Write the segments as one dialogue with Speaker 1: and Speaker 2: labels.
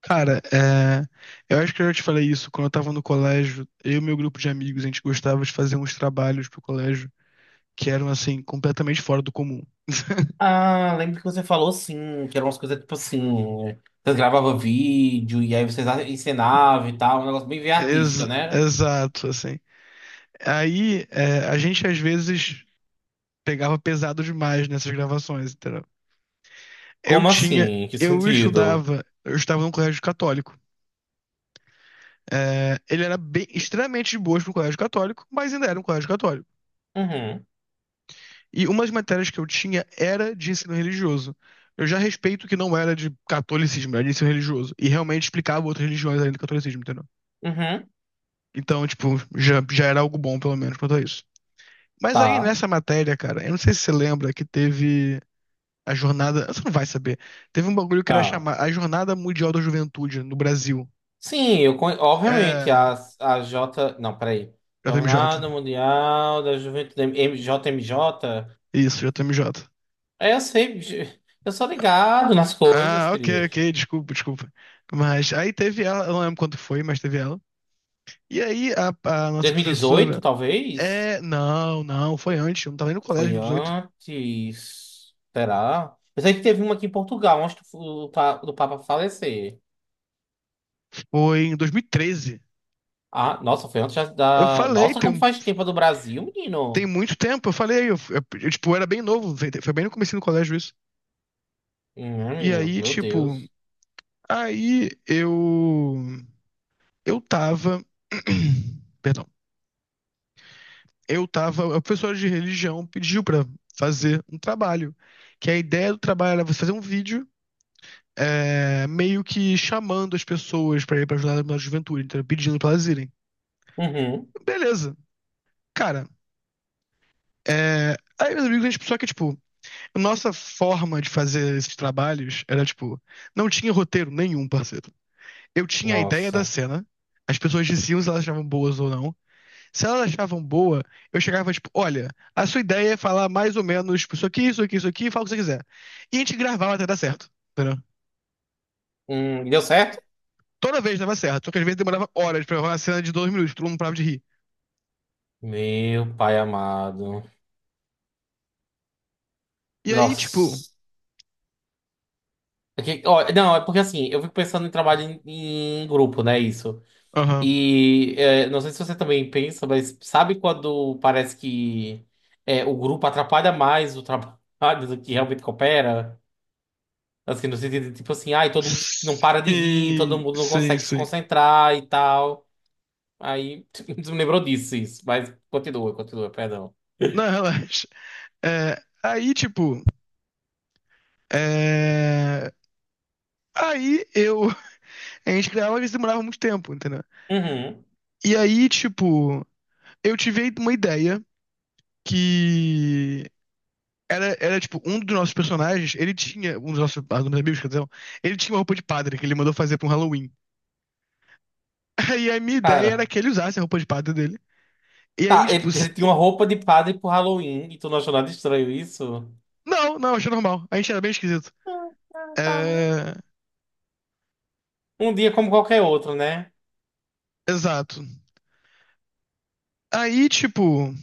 Speaker 1: Cara, eu acho que eu já te falei isso quando eu tava no colégio. Eu e meu grupo de amigos, a gente gostava de fazer uns trabalhos pro colégio que eram, assim, completamente fora do comum.
Speaker 2: Ah, lembro que você falou, sim, que eram umas coisas tipo assim. Vocês gravavam vídeo e aí vocês ensinavam e tal, um negócio bem, bem artística,
Speaker 1: Ex-
Speaker 2: né?
Speaker 1: exato, assim. Aí, a gente às vezes pegava pesado demais nessas gravações, entendeu? Eu
Speaker 2: Como
Speaker 1: tinha,
Speaker 2: assim? Que
Speaker 1: eu
Speaker 2: sentido?
Speaker 1: estudava, eu estava num colégio católico. Ele era bem, extremamente de boas pro colégio católico, mas ainda era um colégio católico.
Speaker 2: Uhum,
Speaker 1: E uma das matérias que eu tinha era de ensino religioso. Eu já respeito que não era de catolicismo, era de ensino religioso. E realmente explicava outras religiões além do catolicismo, entendeu?
Speaker 2: uhum,
Speaker 1: Então, tipo, já era algo bom, pelo menos, quanto a isso. Mas aí,
Speaker 2: tá,
Speaker 1: nessa matéria, cara, eu não sei se você lembra que teve a jornada. Você não vai saber. Teve um bagulho que era
Speaker 2: tá.
Speaker 1: chamar a Jornada Mundial da Juventude no Brasil.
Speaker 2: Sim, obviamente,
Speaker 1: É.
Speaker 2: a J. Não, peraí.
Speaker 1: JMJ.
Speaker 2: Jornada Mundial da Juventude JMJ?
Speaker 1: Isso, JMJ.
Speaker 2: É, eu sei, eu sou ligado nas coisas,
Speaker 1: Ah, ok,
Speaker 2: querido.
Speaker 1: ok, desculpa, desculpa. Mas aí teve ela, eu não lembro quanto foi, mas teve ela. E aí a nossa
Speaker 2: 2018,
Speaker 1: professora.
Speaker 2: talvez?
Speaker 1: Não, não, foi antes, eu não tava nem no colégio em
Speaker 2: Foi
Speaker 1: 2018.
Speaker 2: antes. Será? Eu sei que teve uma aqui em Portugal, antes do Papa falecer.
Speaker 1: Foi em 2013.
Speaker 2: Ah, nossa, foi antes já
Speaker 1: Eu
Speaker 2: da.
Speaker 1: falei,
Speaker 2: Nossa, como
Speaker 1: tem,
Speaker 2: faz tempo a do Brasil,
Speaker 1: tem
Speaker 2: menino?
Speaker 1: muito tempo, eu falei, eu, tipo, eu era bem novo, foi bem no começo do colégio isso. E
Speaker 2: Menino,
Speaker 1: aí,
Speaker 2: meu
Speaker 1: tipo,
Speaker 2: Deus.
Speaker 1: aí eu tava Perdão. A professora de religião pediu pra fazer um trabalho, que a ideia do trabalho era você fazer um vídeo meio que chamando as pessoas pra ir pra ajudar na juventude, então, pedindo pra elas irem.
Speaker 2: Uhum.
Speaker 1: Beleza. Cara, aí, meus amigos, a gente só que, tipo, a nossa forma de fazer esses trabalhos era, tipo, não tinha roteiro nenhum, parceiro. Eu tinha a ideia da
Speaker 2: Nossa.
Speaker 1: cena, as pessoas diziam se elas achavam boas ou não. Se elas achavam boa, eu chegava, tipo, olha, a sua ideia é falar mais ou menos tipo, isso aqui, isso aqui, isso aqui, fala o que você quiser. E a gente gravava até dar certo, entendeu?
Speaker 2: Deu certo?
Speaker 1: Toda vez dava certo, só que às vezes demorava horas pra gravar uma cena de 2 minutos, todo mundo parava de rir.
Speaker 2: Meu pai amado.
Speaker 1: E aí, tipo,
Speaker 2: Nossa. É ó, não, é porque assim, eu fico pensando em trabalho em grupo, né? Isso.
Speaker 1: aham.
Speaker 2: E é, não sei se você também pensa, mas sabe quando parece que é, o grupo atrapalha mais o trabalho do que realmente coopera? Assim, no sentido de tipo assim, ai, todo mundo não para de rir, todo
Speaker 1: Sim,
Speaker 2: mundo não
Speaker 1: sim,
Speaker 2: consegue se
Speaker 1: sim.
Speaker 2: concentrar e tal. Aí me lembrou disso, isso. Mas continua, continua, perdão.
Speaker 1: Não, relaxa. Aí, tipo. é, Aí eu. A gente criava, mas demorava muito tempo, entendeu?
Speaker 2: Uhum.
Speaker 1: E aí, tipo. Eu tive uma ideia que. Era, tipo, um dos nossos personagens, ele tinha. Um dos nossos, ah, dos meus amigos, quer dizer, ele tinha uma roupa de padre que ele mandou fazer pra um Halloween. Aí a minha ideia era
Speaker 2: Cara.
Speaker 1: que ele usasse a roupa de padre dele. E aí,
Speaker 2: Tá,
Speaker 1: tipo.
Speaker 2: ele, ele tinha uma roupa de padre pro Halloween e tu não achou nada estranho isso?
Speaker 1: Não, não, achei normal. A gente era bem esquisito.
Speaker 2: Ah, ah, tá, né?
Speaker 1: É.
Speaker 2: Um dia como qualquer outro, né?
Speaker 1: Exato. Aí, tipo.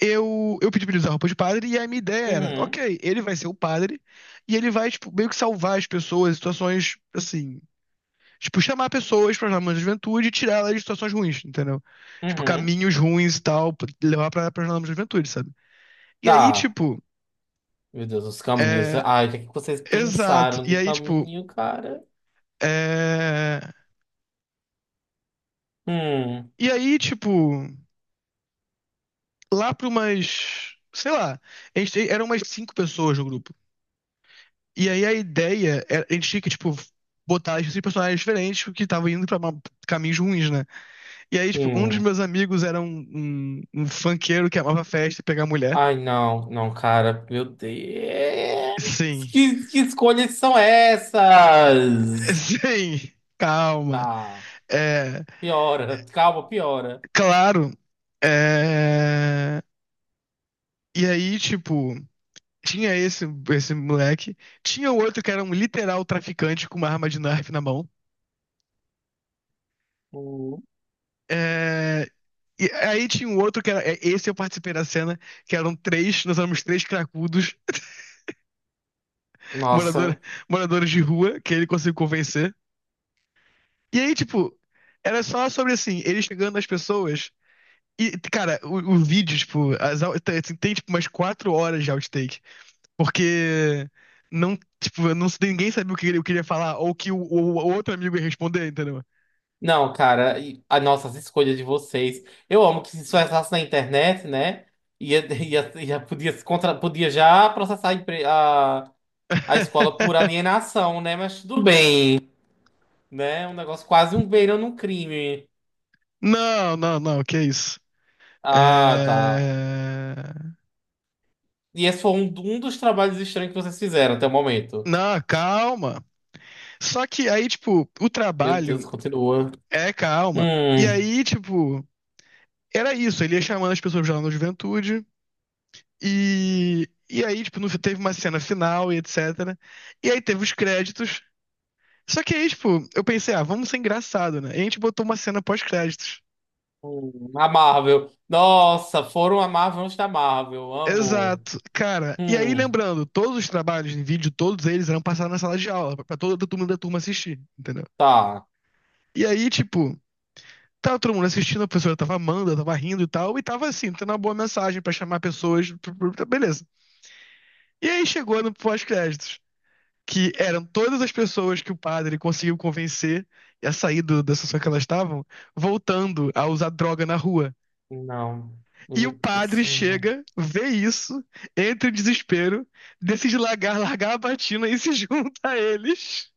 Speaker 1: Eu pedi pra ele usar roupa de padre, e a minha ideia era,
Speaker 2: Uhum.
Speaker 1: ok, ele vai ser o padre, e ele vai, tipo, meio que salvar as pessoas em situações, assim, tipo, chamar pessoas para jornadas da juventude e tirar elas de situações ruins, entendeu? Tipo,
Speaker 2: Uhum.
Speaker 1: caminhos ruins e tal, pra levar pra jornadas da juventude, sabe? E aí,
Speaker 2: Tá.
Speaker 1: tipo,
Speaker 2: Meu Deus, os caminhos.
Speaker 1: é,
Speaker 2: Ai, o que é que vocês
Speaker 1: exato,
Speaker 2: pensaram
Speaker 1: e
Speaker 2: de
Speaker 1: aí, tipo,
Speaker 2: caminho, cara?
Speaker 1: é,
Speaker 2: Hum,
Speaker 1: e aí, tipo, lá pra umas, sei lá, a gente, eram umas cinco pessoas no grupo. E aí a ideia, era, a gente tinha que, tipo, botar esses personagens diferentes porque estavam indo pra caminhos ruins, né? E aí, tipo, um dos
Speaker 2: sim.
Speaker 1: meus amigos era um funkeiro que amava festa e pegar mulher.
Speaker 2: Ai, não, não, cara. Meu Deus.
Speaker 1: Sim,
Speaker 2: Que escolhas são essas?
Speaker 1: sim, calma.
Speaker 2: Tá,
Speaker 1: É,
Speaker 2: piora. Calma, piora.
Speaker 1: Claro. É. E aí, tipo, tinha esse moleque, tinha o outro que era um literal traficante com uma arma de nerf na mão.
Speaker 2: Hum,
Speaker 1: É, E aí tinha um outro que era. Esse eu participei da cena, que eram três, nós éramos três cracudos, morador,
Speaker 2: Nossa.
Speaker 1: moradores de rua, que ele conseguiu convencer. E aí, tipo, era só sobre assim, ele chegando nas pessoas. E, cara, o vídeo, tipo, tem, tipo umas 4 horas de outtake. Porque não, tipo, não, ninguém sabia o que ele ia falar, ou o que o outro amigo ia responder, entendeu?
Speaker 2: Não, cara, e as nossas escolhas de vocês. Eu amo que, se isso passasse na internet, né? Ia, ia, ia, podia, se contra, podia já processar a escola por alienação, né? Mas tudo bem. Né? Um negócio quase um beirando um crime.
Speaker 1: Não, não, não, que isso.
Speaker 2: Ah, tá.
Speaker 1: É.
Speaker 2: E esse foi um dos trabalhos estranhos que vocês fizeram até o momento.
Speaker 1: Não, calma. Só que aí, tipo, o
Speaker 2: Meu Deus,
Speaker 1: trabalho
Speaker 2: continua.
Speaker 1: é calma. E
Speaker 2: Hum,
Speaker 1: aí, tipo, era isso. Ele ia chamando as pessoas lá na juventude. E aí, tipo, teve uma cena final e etc. E aí teve os créditos. Só que aí, tipo, eu pensei, ah, vamos ser engraçado, né? E a gente botou uma cena pós-créditos.
Speaker 2: a Marvel. Nossa, foram a Marvel antes da Marvel. Amo.
Speaker 1: Exato, cara. E aí,
Speaker 2: Hum,
Speaker 1: lembrando, todos os trabalhos em vídeo, todos eles eram passados na sala de aula, pra toda a turma da turma assistir, entendeu?
Speaker 2: tá.
Speaker 1: E aí, tipo, tava todo mundo assistindo, a professora tava amando, tava rindo e tal, e tava assim, tendo uma boa mensagem pra chamar pessoas, beleza. E aí chegou no pós-créditos, que eram todas as pessoas que o padre conseguiu convencer a sair da situação que elas estavam, voltando a usar droga na rua.
Speaker 2: Não.
Speaker 1: E o
Speaker 2: Meu Deus.
Speaker 1: padre chega, vê isso, entra em desespero, decide largar, largar a batina e se junta a eles.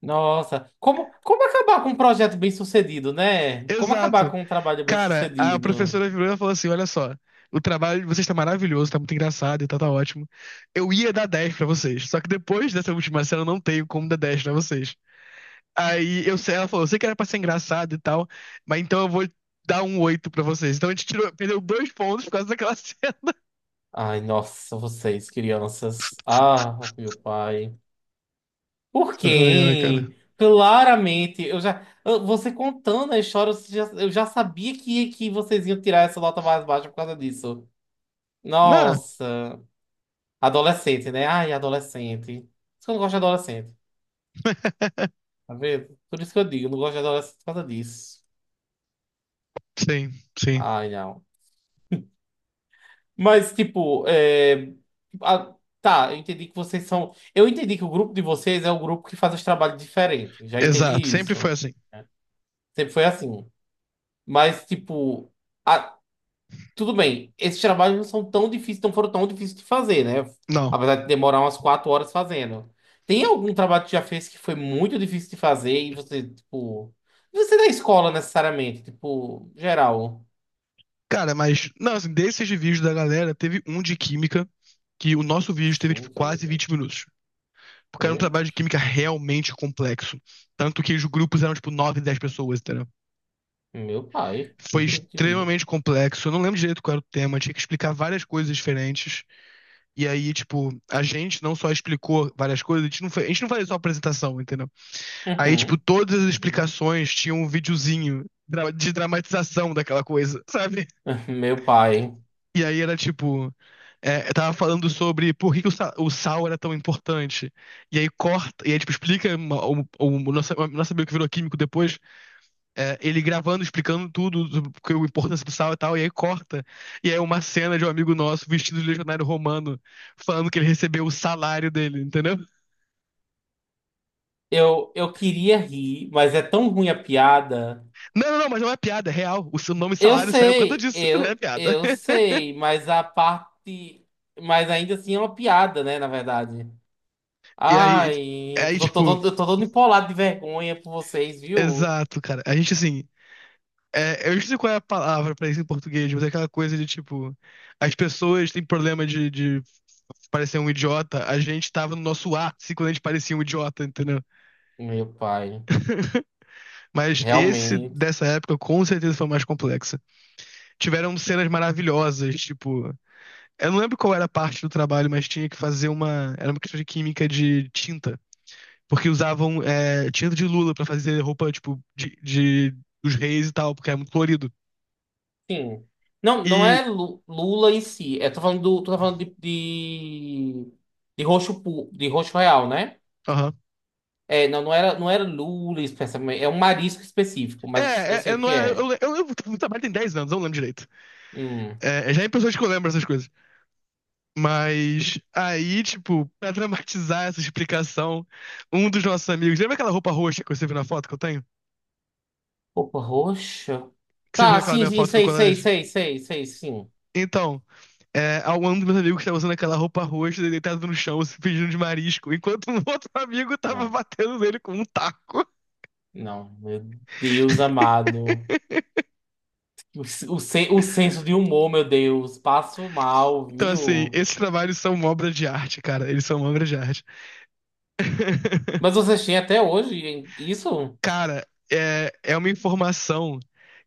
Speaker 2: Nossa, como acabar com um projeto bem sucedido, né? Como acabar
Speaker 1: Exato.
Speaker 2: com um trabalho bem
Speaker 1: Cara, a
Speaker 2: sucedido?
Speaker 1: professora virou e falou assim: olha só, o trabalho de vocês tá maravilhoso, tá muito engraçado e tá ótimo. Eu ia dar 10 pra vocês, só que depois dessa última cena eu não tenho como dar 10 pra vocês. Aí eu sei, ela falou: eu sei que era pra ser engraçado e tal, mas então eu vou dar um 8 pra vocês. Então a gente tirou, perdeu 2 pontos por causa daquela cena.
Speaker 2: Ai, nossa, vocês, crianças. Ah, meu pai. Por
Speaker 1: Ai, ai, cara.
Speaker 2: quem? Claramente, você contando a história, eu já sabia que vocês iam tirar essa nota mais baixa por causa disso.
Speaker 1: Não.
Speaker 2: Nossa, adolescente, né? Ai, adolescente. Por isso que eu não gosto de adolescente, tá vendo? Por isso que eu digo, eu não gosto de adolescente por causa disso.
Speaker 1: Sim, sim.
Speaker 2: Ai, não. Mas, tipo, é, a- tá, eu entendi que vocês são. Eu entendi que o grupo de vocês é o grupo que faz os trabalhos diferentes. Já
Speaker 1: Exato,
Speaker 2: entendi
Speaker 1: sempre foi
Speaker 2: isso.
Speaker 1: assim.
Speaker 2: Sempre foi assim. Mas, tipo. Tudo bem, esses trabalhos não são tão difíceis, não foram tão difíceis de fazer, né?
Speaker 1: Não.
Speaker 2: Apesar de demorar umas 4 horas fazendo. Tem algum trabalho que tu já fez que foi muito difícil de fazer e você, tipo. Não sei da escola necessariamente, tipo, geral.
Speaker 1: Cara, mas, não, assim, desses vídeos da galera, teve um de química, que o nosso vídeo teve, tipo,
Speaker 2: Química, meu
Speaker 1: quase
Speaker 2: Deus.
Speaker 1: 20 minutos. Porque era um
Speaker 2: Hum?
Speaker 1: trabalho de química
Speaker 2: Hum.
Speaker 1: realmente complexo. Tanto que os grupos eram, tipo, 9, 10 pessoas, entendeu?
Speaker 2: Meu pai, me
Speaker 1: Foi
Speaker 2: que vi.
Speaker 1: extremamente complexo. Eu não lembro direito qual era o tema. Tinha que explicar várias coisas diferentes. E aí, tipo, a gente não só explicou várias coisas, a gente não fazia só apresentação, entendeu? Aí, tipo,
Speaker 2: Uhum.
Speaker 1: todas as explicações tinham um videozinho de dramatização daquela coisa, sabe?
Speaker 2: Meu pai.
Speaker 1: E aí era tipo. Eu tava falando sobre por que que o sal era tão importante. E aí corta, e aí tipo, explica o nosso amigo que virou químico depois, ele gravando, explicando tudo, sobre a importância do sal e tal, e aí corta. E aí é uma cena de um amigo nosso vestido de legionário romano, falando que ele recebeu o salário dele, entendeu?
Speaker 2: Eu queria rir, mas é tão ruim a piada.
Speaker 1: Não, não, não, mas não é piada, é real. O seu nome
Speaker 2: Eu
Speaker 1: salário saiu por conta
Speaker 2: sei,
Speaker 1: disso, não é
Speaker 2: eu,
Speaker 1: piada.
Speaker 2: eu sei, mas a parte. Mas ainda assim é uma piada, né, na verdade.
Speaker 1: E aí,
Speaker 2: Ai,
Speaker 1: aí tipo,
Speaker 2: eu tô todo empolado de vergonha por vocês, viu?
Speaker 1: exato, cara. A gente assim. Eu não sei qual é a palavra pra isso em português, mas é aquela coisa de tipo, as pessoas têm problema de parecer um idiota, a gente tava no nosso ápice quando a gente parecia um idiota, entendeu?
Speaker 2: Meu pai,
Speaker 1: Mas esse
Speaker 2: realmente.
Speaker 1: dessa época com certeza foi o mais complexa. Tiveram cenas maravilhosas, tipo, eu não lembro qual era a parte do trabalho, mas tinha que fazer uma, era uma questão de química de tinta, porque usavam tinta de lula pra fazer roupa tipo dos reis e tal, porque era muito colorido.
Speaker 2: Sim. Não, não
Speaker 1: E,
Speaker 2: é Lula em si. É, tô falando de roxo, de roxo real, né?
Speaker 1: aham.
Speaker 2: É, não, não era, não era Lula especificamente. É um marisco específico,
Speaker 1: É,
Speaker 2: mas eu
Speaker 1: é,
Speaker 2: sei
Speaker 1: é,
Speaker 2: o
Speaker 1: não
Speaker 2: que
Speaker 1: é.
Speaker 2: é.
Speaker 1: Eu trabalho tem 10 anos, eu não lembro direito.
Speaker 2: Hum.
Speaker 1: É, é, já é em pessoas que eu lembro essas coisas. Mas aí, tipo, pra dramatizar essa explicação, um dos nossos amigos. Lembra aquela roupa roxa que você viu na foto que eu tenho?
Speaker 2: Roupa roxa?
Speaker 1: Que você viu
Speaker 2: Tá,
Speaker 1: naquela
Speaker 2: sim,
Speaker 1: minha
Speaker 2: sim,
Speaker 1: foto do
Speaker 2: sei, sei,
Speaker 1: colégio?
Speaker 2: sei, sei, sei, sim.
Speaker 1: Então, um dos meus amigos estava usando aquela roupa roxa, ele deitado no chão, se fingindo de marisco, enquanto um outro amigo tava
Speaker 2: Não,
Speaker 1: batendo nele com um taco.
Speaker 2: não, meu Deus amado. O senso de humor, meu Deus. Passo mal,
Speaker 1: Então, assim,
Speaker 2: viu?
Speaker 1: esses trabalhos são uma obra de arte, cara. Eles são uma obra de arte.
Speaker 2: Mas vocês têm até hoje, hein? Isso?
Speaker 1: Cara, é uma informação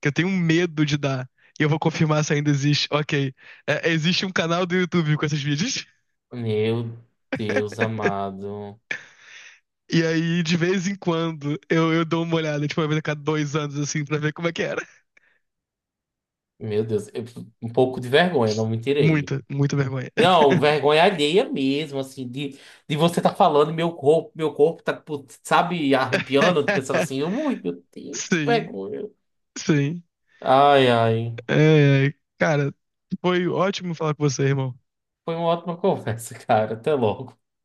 Speaker 1: que eu tenho medo de dar. E eu vou confirmar se ainda existe. Ok. Existe um canal do YouTube com esses vídeos.
Speaker 2: Meu Deus amado.
Speaker 1: E aí, de vez em quando, eu dou uma olhada, tipo, uma vez a cada 2 anos, assim, pra ver como é que era.
Speaker 2: Meu Deus, um pouco de vergonha, não me tirei.
Speaker 1: Muita, muita vergonha.
Speaker 2: Não, vergonha alheia mesmo, assim, de você tá falando, e meu corpo tá, putz, sabe, arrepiando, pensando assim, ui, meu Deus, que
Speaker 1: Sim,
Speaker 2: vergonha.
Speaker 1: sim.
Speaker 2: Ai, ai.
Speaker 1: É, é, é. Cara, foi ótimo falar com você, irmão.
Speaker 2: Foi uma ótima conversa, cara. Até logo.